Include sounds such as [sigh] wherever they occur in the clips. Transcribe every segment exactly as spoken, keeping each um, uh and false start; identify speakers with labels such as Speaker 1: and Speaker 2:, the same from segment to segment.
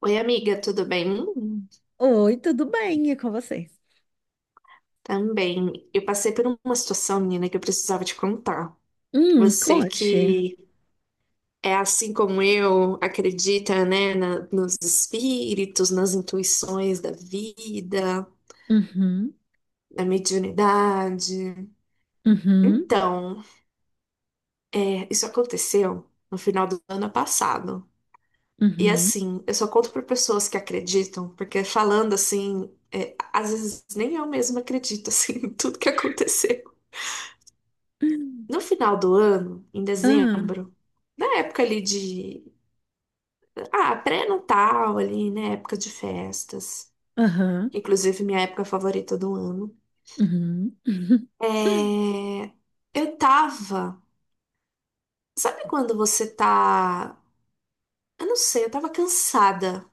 Speaker 1: Oi, amiga, tudo bem? Hum,
Speaker 2: Oi, tudo bem? E com vocês?
Speaker 1: Também. Eu passei por uma situação, menina, que eu precisava te contar.
Speaker 2: Hum,
Speaker 1: Você
Speaker 2: conte.
Speaker 1: que é assim como eu, acredita, né, na- nos espíritos, nas intuições da vida,
Speaker 2: Uhum,
Speaker 1: na mediunidade.
Speaker 2: uhum,
Speaker 1: Então, é, isso aconteceu no final do ano passado. E
Speaker 2: uhum.
Speaker 1: assim, eu só conto para pessoas que acreditam, porque falando assim, é, às vezes nem eu mesma acredito assim, [laughs] em tudo que aconteceu. No final do ano, em
Speaker 2: Ah,
Speaker 1: dezembro, na época ali de. Ah, pré-natal ali, né? Época de festas.
Speaker 2: aham,
Speaker 1: Inclusive, minha época favorita do ano.
Speaker 2: uhum, [laughs]
Speaker 1: É... Eu tava. Sabe quando você tá. Eu não sei, eu tava cansada.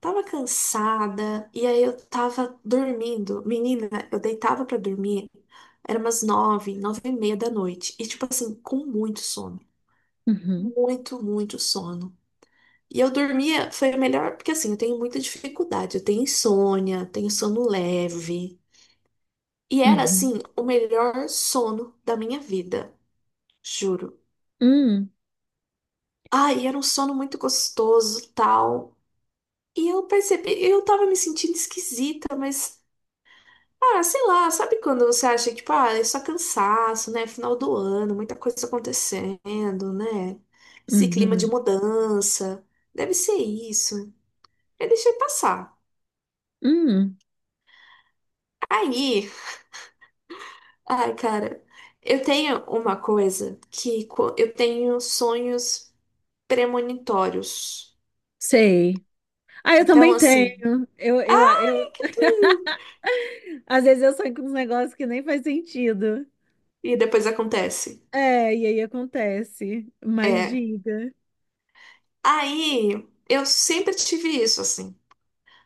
Speaker 1: Tava cansada e aí eu tava dormindo. Menina, eu deitava pra dormir. Era umas nove, nove e meia da noite. E, tipo assim, com muito sono.
Speaker 2: uhum,
Speaker 1: Muito, muito sono. E eu dormia, foi melhor, porque assim, eu tenho muita dificuldade, eu tenho insônia, tenho sono leve. E era
Speaker 2: uhum,
Speaker 1: assim, o melhor sono da minha vida, juro.
Speaker 2: uhum,
Speaker 1: Ai, era um sono muito gostoso, tal. E eu percebi, eu tava me sentindo esquisita, mas ah, sei lá, sabe quando você acha que, tipo, ah, é só cansaço, né? Final do ano, muita coisa acontecendo, né? Esse
Speaker 2: hum,
Speaker 1: clima de
Speaker 2: uhum,
Speaker 1: mudança. Deve ser isso. Eu deixei passar.
Speaker 2: hum,
Speaker 1: Aí, ai, cara, eu tenho uma coisa que co- eu tenho sonhos premonitórios.
Speaker 2: sei. Ah, eu
Speaker 1: Então,
Speaker 2: também
Speaker 1: assim,
Speaker 2: tenho. Eu, eu,
Speaker 1: ai
Speaker 2: eu,
Speaker 1: que tu...
Speaker 2: às vezes eu sonho com uns negócios que nem faz sentido.
Speaker 1: E depois acontece.
Speaker 2: É, e aí acontece. Mas
Speaker 1: É.
Speaker 2: diga.
Speaker 1: Aí, eu sempre tive isso, assim.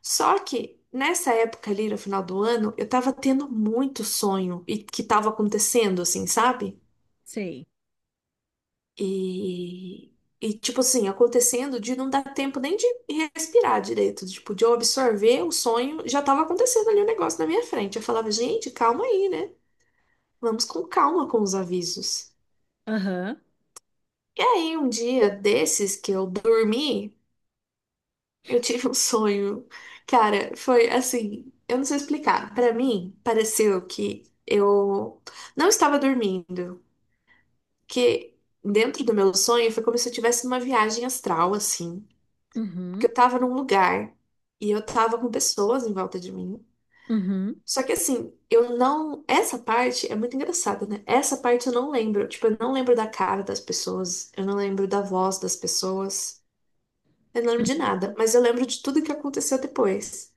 Speaker 1: Só que nessa época ali, no final do ano, eu tava tendo muito sonho e que tava acontecendo, assim, sabe?
Speaker 2: Sei.
Speaker 1: E, e, tipo assim, acontecendo de não dar tempo nem de respirar direito, tipo, de eu absorver o sonho, já tava acontecendo ali o negócio na minha frente. Eu falava, gente, calma aí, né? Vamos com calma com os avisos.
Speaker 2: Aham,
Speaker 1: E aí, um dia desses que eu dormi, eu tive um sonho. Cara, foi assim, eu não sei explicar. Pra mim, pareceu que eu não estava dormindo, que dentro do meu sonho foi como se eu tivesse uma viagem astral, assim. Porque
Speaker 2: uhum,
Speaker 1: eu tava num lugar e eu tava com pessoas em volta de mim.
Speaker 2: uhum,
Speaker 1: Só que assim, eu não. Essa parte é muito engraçada, né? Essa parte eu não lembro. Tipo, eu não lembro da cara das pessoas, eu não lembro da voz das pessoas, eu não lembro de nada.
Speaker 2: uhum,
Speaker 1: Mas eu lembro de tudo que aconteceu depois.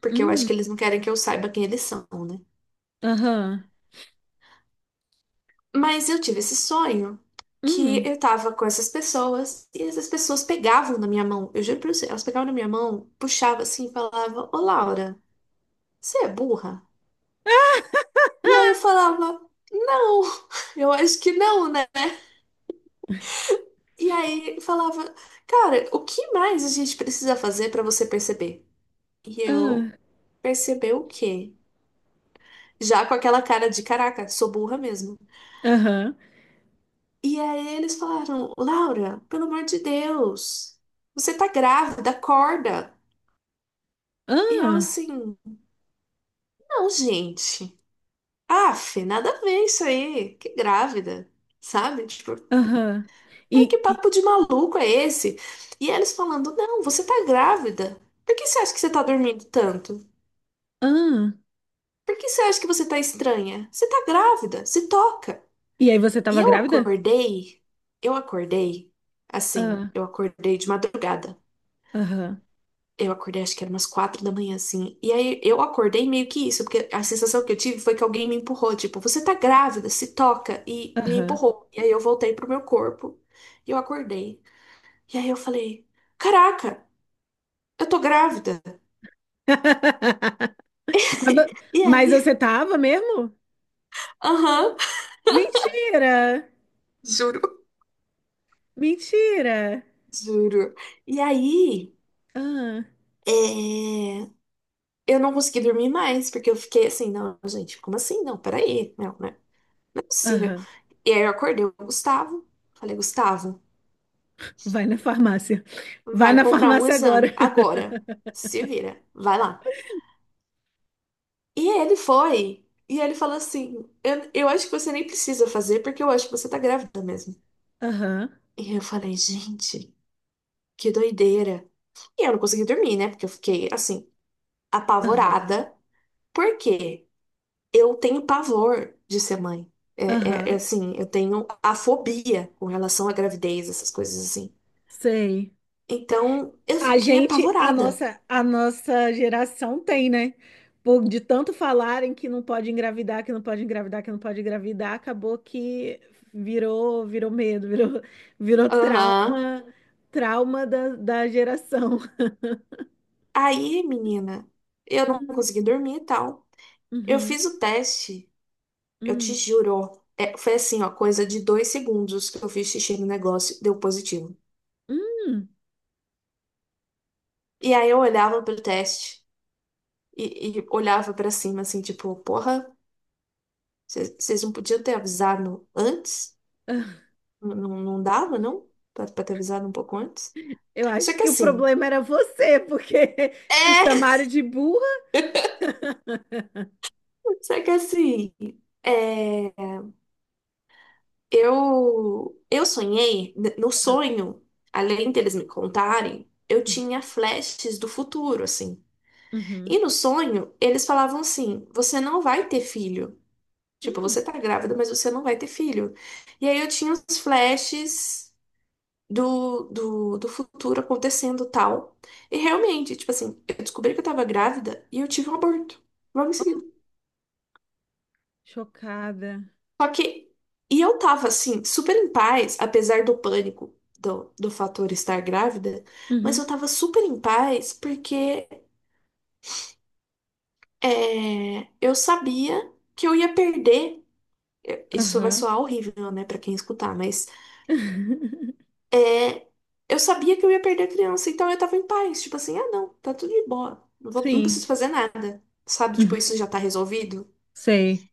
Speaker 1: Porque eu acho
Speaker 2: hum,
Speaker 1: que eles não querem que eu saiba quem eles são, né?
Speaker 2: aham,
Speaker 1: Mas eu tive esse sonho que
Speaker 2: hum.
Speaker 1: eu tava com essas pessoas e essas pessoas pegavam na minha mão. Eu juro pra você, elas pegavam na minha mão, puxavam assim e falavam: "Ô Laura, você é burra?"
Speaker 2: Ah,
Speaker 1: E aí eu falava, não, [laughs] eu acho que não, né? E aí falava, cara, o que mais a gente precisa fazer pra você perceber? E eu, perceber o quê? Já com aquela cara de caraca, sou burra mesmo.
Speaker 2: aham,
Speaker 1: E aí eles falaram, Laura, pelo amor de Deus, você tá grávida, acorda. E eu
Speaker 2: ah,
Speaker 1: assim, não, gente. Aff, nada a ver isso aí. Que grávida, sabe? Tipo,
Speaker 2: aham.
Speaker 1: aí que
Speaker 2: E, e,
Speaker 1: papo de maluco é esse? E eles falando, não, você tá grávida. Por que você acha que você tá dormindo tanto?
Speaker 2: ah,
Speaker 1: Por que você acha que você tá estranha? Você tá grávida, se toca.
Speaker 2: e aí você
Speaker 1: E
Speaker 2: tava
Speaker 1: eu
Speaker 2: grávida?
Speaker 1: acordei, eu acordei, assim,
Speaker 2: Ah,
Speaker 1: eu acordei de madrugada.
Speaker 2: aham,
Speaker 1: Eu acordei, acho que era umas quatro da manhã, assim. E aí eu acordei meio que isso, porque a sensação que eu tive foi que alguém me empurrou, tipo, você tá grávida, se toca, e me
Speaker 2: aham.
Speaker 1: empurrou. E aí eu voltei pro meu corpo e eu acordei. E aí eu falei, caraca! Eu tô grávida.
Speaker 2: [laughs] Mas, vo-
Speaker 1: [laughs] E
Speaker 2: mas você
Speaker 1: aí?
Speaker 2: tava mesmo?
Speaker 1: Aham,
Speaker 2: Mentira!
Speaker 1: Juro.
Speaker 2: Mentira!
Speaker 1: juro. E aí,
Speaker 2: Ah,
Speaker 1: é, eu não consegui dormir mais, porque eu fiquei assim, não, gente, como assim? Não, peraí, não, né? Não é possível.
Speaker 2: aham.
Speaker 1: E aí eu acordei o Gustavo. Falei, Gustavo,
Speaker 2: Vai na farmácia. Vai
Speaker 1: vai
Speaker 2: na
Speaker 1: comprar um
Speaker 2: farmácia agora.
Speaker 1: exame agora.
Speaker 2: [laughs]
Speaker 1: Se vira, vai lá. E ele foi. E ele falou assim: eu, eu acho que você nem precisa fazer, porque eu acho que você tá grávida mesmo.
Speaker 2: Aham,
Speaker 1: E eu falei, gente, que doideira. E eu não consegui dormir, né? Porque eu fiquei, assim,
Speaker 2: aham,
Speaker 1: apavorada. Porque eu tenho pavor de ser mãe. É, é, é
Speaker 2: aham.
Speaker 1: assim, eu tenho a fobia com relação à gravidez, essas coisas assim.
Speaker 2: Sei.
Speaker 1: Então, eu
Speaker 2: A
Speaker 1: fiquei
Speaker 2: gente, a
Speaker 1: apavorada.
Speaker 2: nossa, a nossa geração tem, né? Por, de tanto falarem que não pode engravidar, que não pode engravidar, que não pode engravidar, acabou que virou, virou medo, virou, virou
Speaker 1: Aham.
Speaker 2: trauma, trauma da, da geração.
Speaker 1: Aí, menina, eu não
Speaker 2: Hum,
Speaker 1: consegui dormir e tal. Eu
Speaker 2: Uhum,
Speaker 1: fiz o teste, eu te
Speaker 2: hum,
Speaker 1: juro. é, foi assim, ó, coisa de dois segundos que eu fiz xixi no negócio, deu positivo.
Speaker 2: hum.
Speaker 1: E aí eu olhava pro teste e, e olhava pra cima, assim, tipo, porra. Vocês não podiam ter avisado antes? Não, não não dava, não? Pra, pra ter avisado um pouco antes?
Speaker 2: Eu
Speaker 1: Só
Speaker 2: acho
Speaker 1: que
Speaker 2: que o
Speaker 1: assim.
Speaker 2: problema era você, porque [laughs] te
Speaker 1: É!
Speaker 2: chamaram de burra.
Speaker 1: [laughs] Só que assim. É, eu, eu sonhei, n- no sonho, além deles me contarem, eu
Speaker 2: Uhum,
Speaker 1: tinha flashes do futuro, assim.
Speaker 2: uhum,
Speaker 1: E no sonho, eles falavam assim: você não vai ter filho. Tipo,
Speaker 2: hum.
Speaker 1: você tá grávida, mas você não vai ter filho. E aí eu tinha uns flashes do, do, do futuro acontecendo tal. E realmente, tipo assim, eu descobri que eu tava grávida e eu tive um aborto logo em seguida.
Speaker 2: Chocada.
Speaker 1: Só que, e eu tava assim, super em paz, apesar do pânico do, do fator estar grávida, mas
Speaker 2: Uhum,
Speaker 1: eu tava super em paz porque é, eu sabia que eu ia perder. eu- Isso vai
Speaker 2: aham.
Speaker 1: soar horrível, né, pra quem escutar, mas
Speaker 2: [laughs]
Speaker 1: é, eu sabia que eu ia perder a criança, então eu tava em paz. Tipo assim, ah, não, tá tudo de boa. Não vou, não
Speaker 2: Sim.
Speaker 1: preciso fazer nada. Sabe? Tipo, isso
Speaker 2: Uhum.
Speaker 1: já tá resolvido.
Speaker 2: Sei.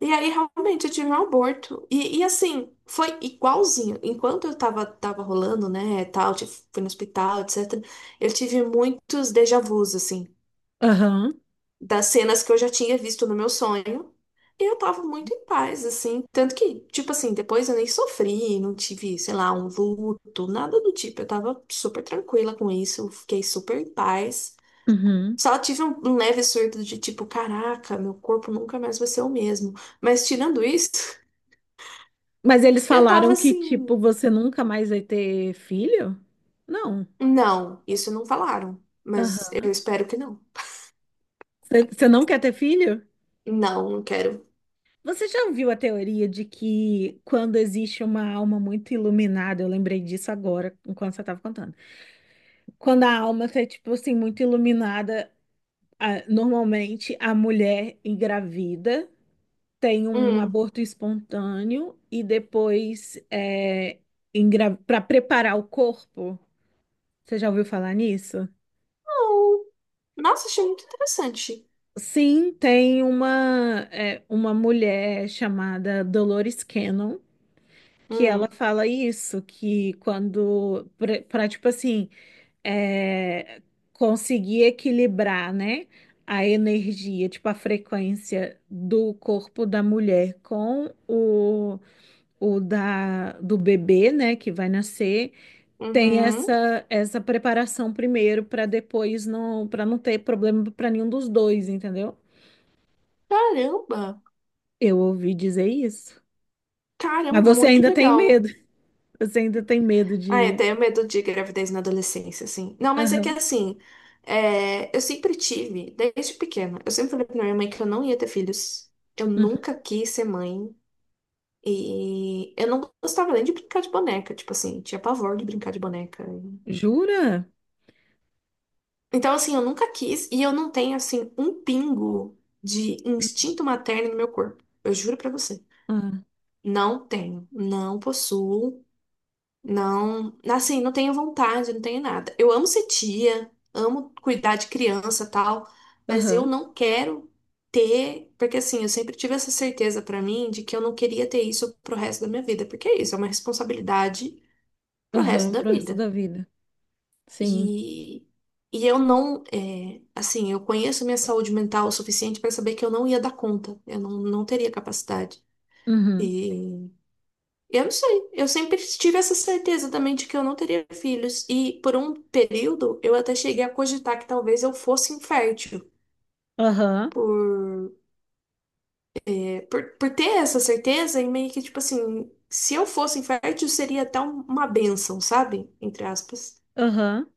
Speaker 1: E aí, realmente, eu tive um aborto. E, e assim, foi igualzinho. Enquanto eu tava, tava rolando, né, tal, tipo, fui no hospital, etcetera, eu tive muitos déjà vus, assim,
Speaker 2: Aham.
Speaker 1: das cenas que eu já tinha visto no meu sonho. E eu tava muito em paz, assim. Tanto que, tipo assim, depois eu nem sofri, não tive, sei lá, um luto, nada do tipo. Eu tava super tranquila com isso, eu fiquei super em paz.
Speaker 2: Uhum.
Speaker 1: Só tive um um leve surto de tipo, caraca, meu corpo nunca mais vai ser o mesmo. Mas tirando isso, [laughs]
Speaker 2: Mas eles
Speaker 1: eu tava
Speaker 2: falaram que, tipo,
Speaker 1: assim,
Speaker 2: você nunca mais vai ter filho? Não.
Speaker 1: não, isso não falaram, mas eu
Speaker 2: Aham.
Speaker 1: espero que não.
Speaker 2: Você não quer ter filho?
Speaker 1: Não, não quero.
Speaker 2: Você já ouviu a teoria de que quando existe uma alma muito iluminada? Eu lembrei disso agora, enquanto você estava contando. Quando a alma está, tipo assim, muito iluminada, a- normalmente a mulher engravida, tem um
Speaker 1: Hum,
Speaker 2: aborto espontâneo e depois é, para preparar o corpo. Você já ouviu falar nisso?
Speaker 1: não. Nossa, achei muito interessante.
Speaker 2: Sim, tem uma, é, uma mulher chamada Dolores Cannon que ela
Speaker 1: Hum,
Speaker 2: fala isso, que quando, para tipo assim, é, conseguir equilibrar, né, a energia, tipo a frequência do corpo da mulher com o, o da, do bebê, né, que vai nascer. Tem
Speaker 1: uhum.
Speaker 2: essa essa preparação primeiro para depois não, para não ter problema para nenhum dos dois, entendeu?
Speaker 1: Caramba.
Speaker 2: Eu ouvi dizer isso. Mas
Speaker 1: Caramba,
Speaker 2: você
Speaker 1: muito
Speaker 2: ainda tem medo.
Speaker 1: legal.
Speaker 2: [laughs] Você ainda tem medo
Speaker 1: Ah, eu
Speaker 2: de.
Speaker 1: tenho medo de gravidez na adolescência, assim. Não, mas é que
Speaker 2: Aham,
Speaker 1: assim, é, eu sempre tive, desde pequena, eu sempre falei pra minha mãe que eu não ia ter filhos. Eu
Speaker 2: uhum.
Speaker 1: nunca quis ser mãe. E eu não gostava nem de brincar de boneca, tipo assim, tinha pavor de brincar de boneca.
Speaker 2: Jura?
Speaker 1: Então, assim, eu nunca quis e eu não tenho, assim, um pingo de instinto materno no meu corpo. Eu juro pra você.
Speaker 2: Ah,
Speaker 1: Não tenho, não possuo. Não, assim, não tenho vontade, não tenho nada. Eu amo ser tia, amo cuidar de criança, tal, mas eu
Speaker 2: aham.
Speaker 1: não quero ter, porque assim, eu sempre tive essa certeza pra mim de que eu não queria ter isso pro resto da minha vida, porque é isso, é uma responsabilidade pro resto
Speaker 2: Aham,
Speaker 1: da
Speaker 2: pro resto
Speaker 1: vida.
Speaker 2: da vida. Sim.
Speaker 1: E e eu não, é, assim, eu conheço minha saúde mental o suficiente pra saber que eu não ia dar conta, eu não, não teria capacidade.
Speaker 2: Uhum.
Speaker 1: Eu não sei. Eu sempre tive essa certeza também de que eu não teria filhos. E por um período eu até cheguei a cogitar que talvez eu fosse infértil.
Speaker 2: Aham.
Speaker 1: Por, por, por ter essa certeza, e meio que tipo assim, se eu fosse infértil, seria até um- uma bênção, sabe? Entre aspas.
Speaker 2: Aham.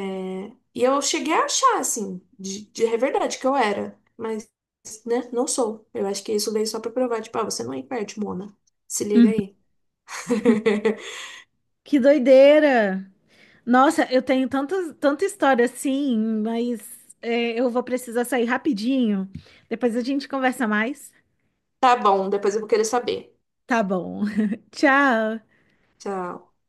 Speaker 1: É, E eu cheguei a achar, assim, de, de é verdade que eu era. Mas, né, não sou. Eu acho que isso veio só pra provar, tipo, ah, você não é infértil, Mona. Se liga aí. [laughs]
Speaker 2: Que doideira! Nossa, eu tenho tantas, tanta história assim, mas é, eu vou precisar sair rapidinho. Depois a gente conversa mais.
Speaker 1: Tá bom, depois eu vou querer saber.
Speaker 2: Tá bom. [laughs] Tchau.
Speaker 1: Tchau.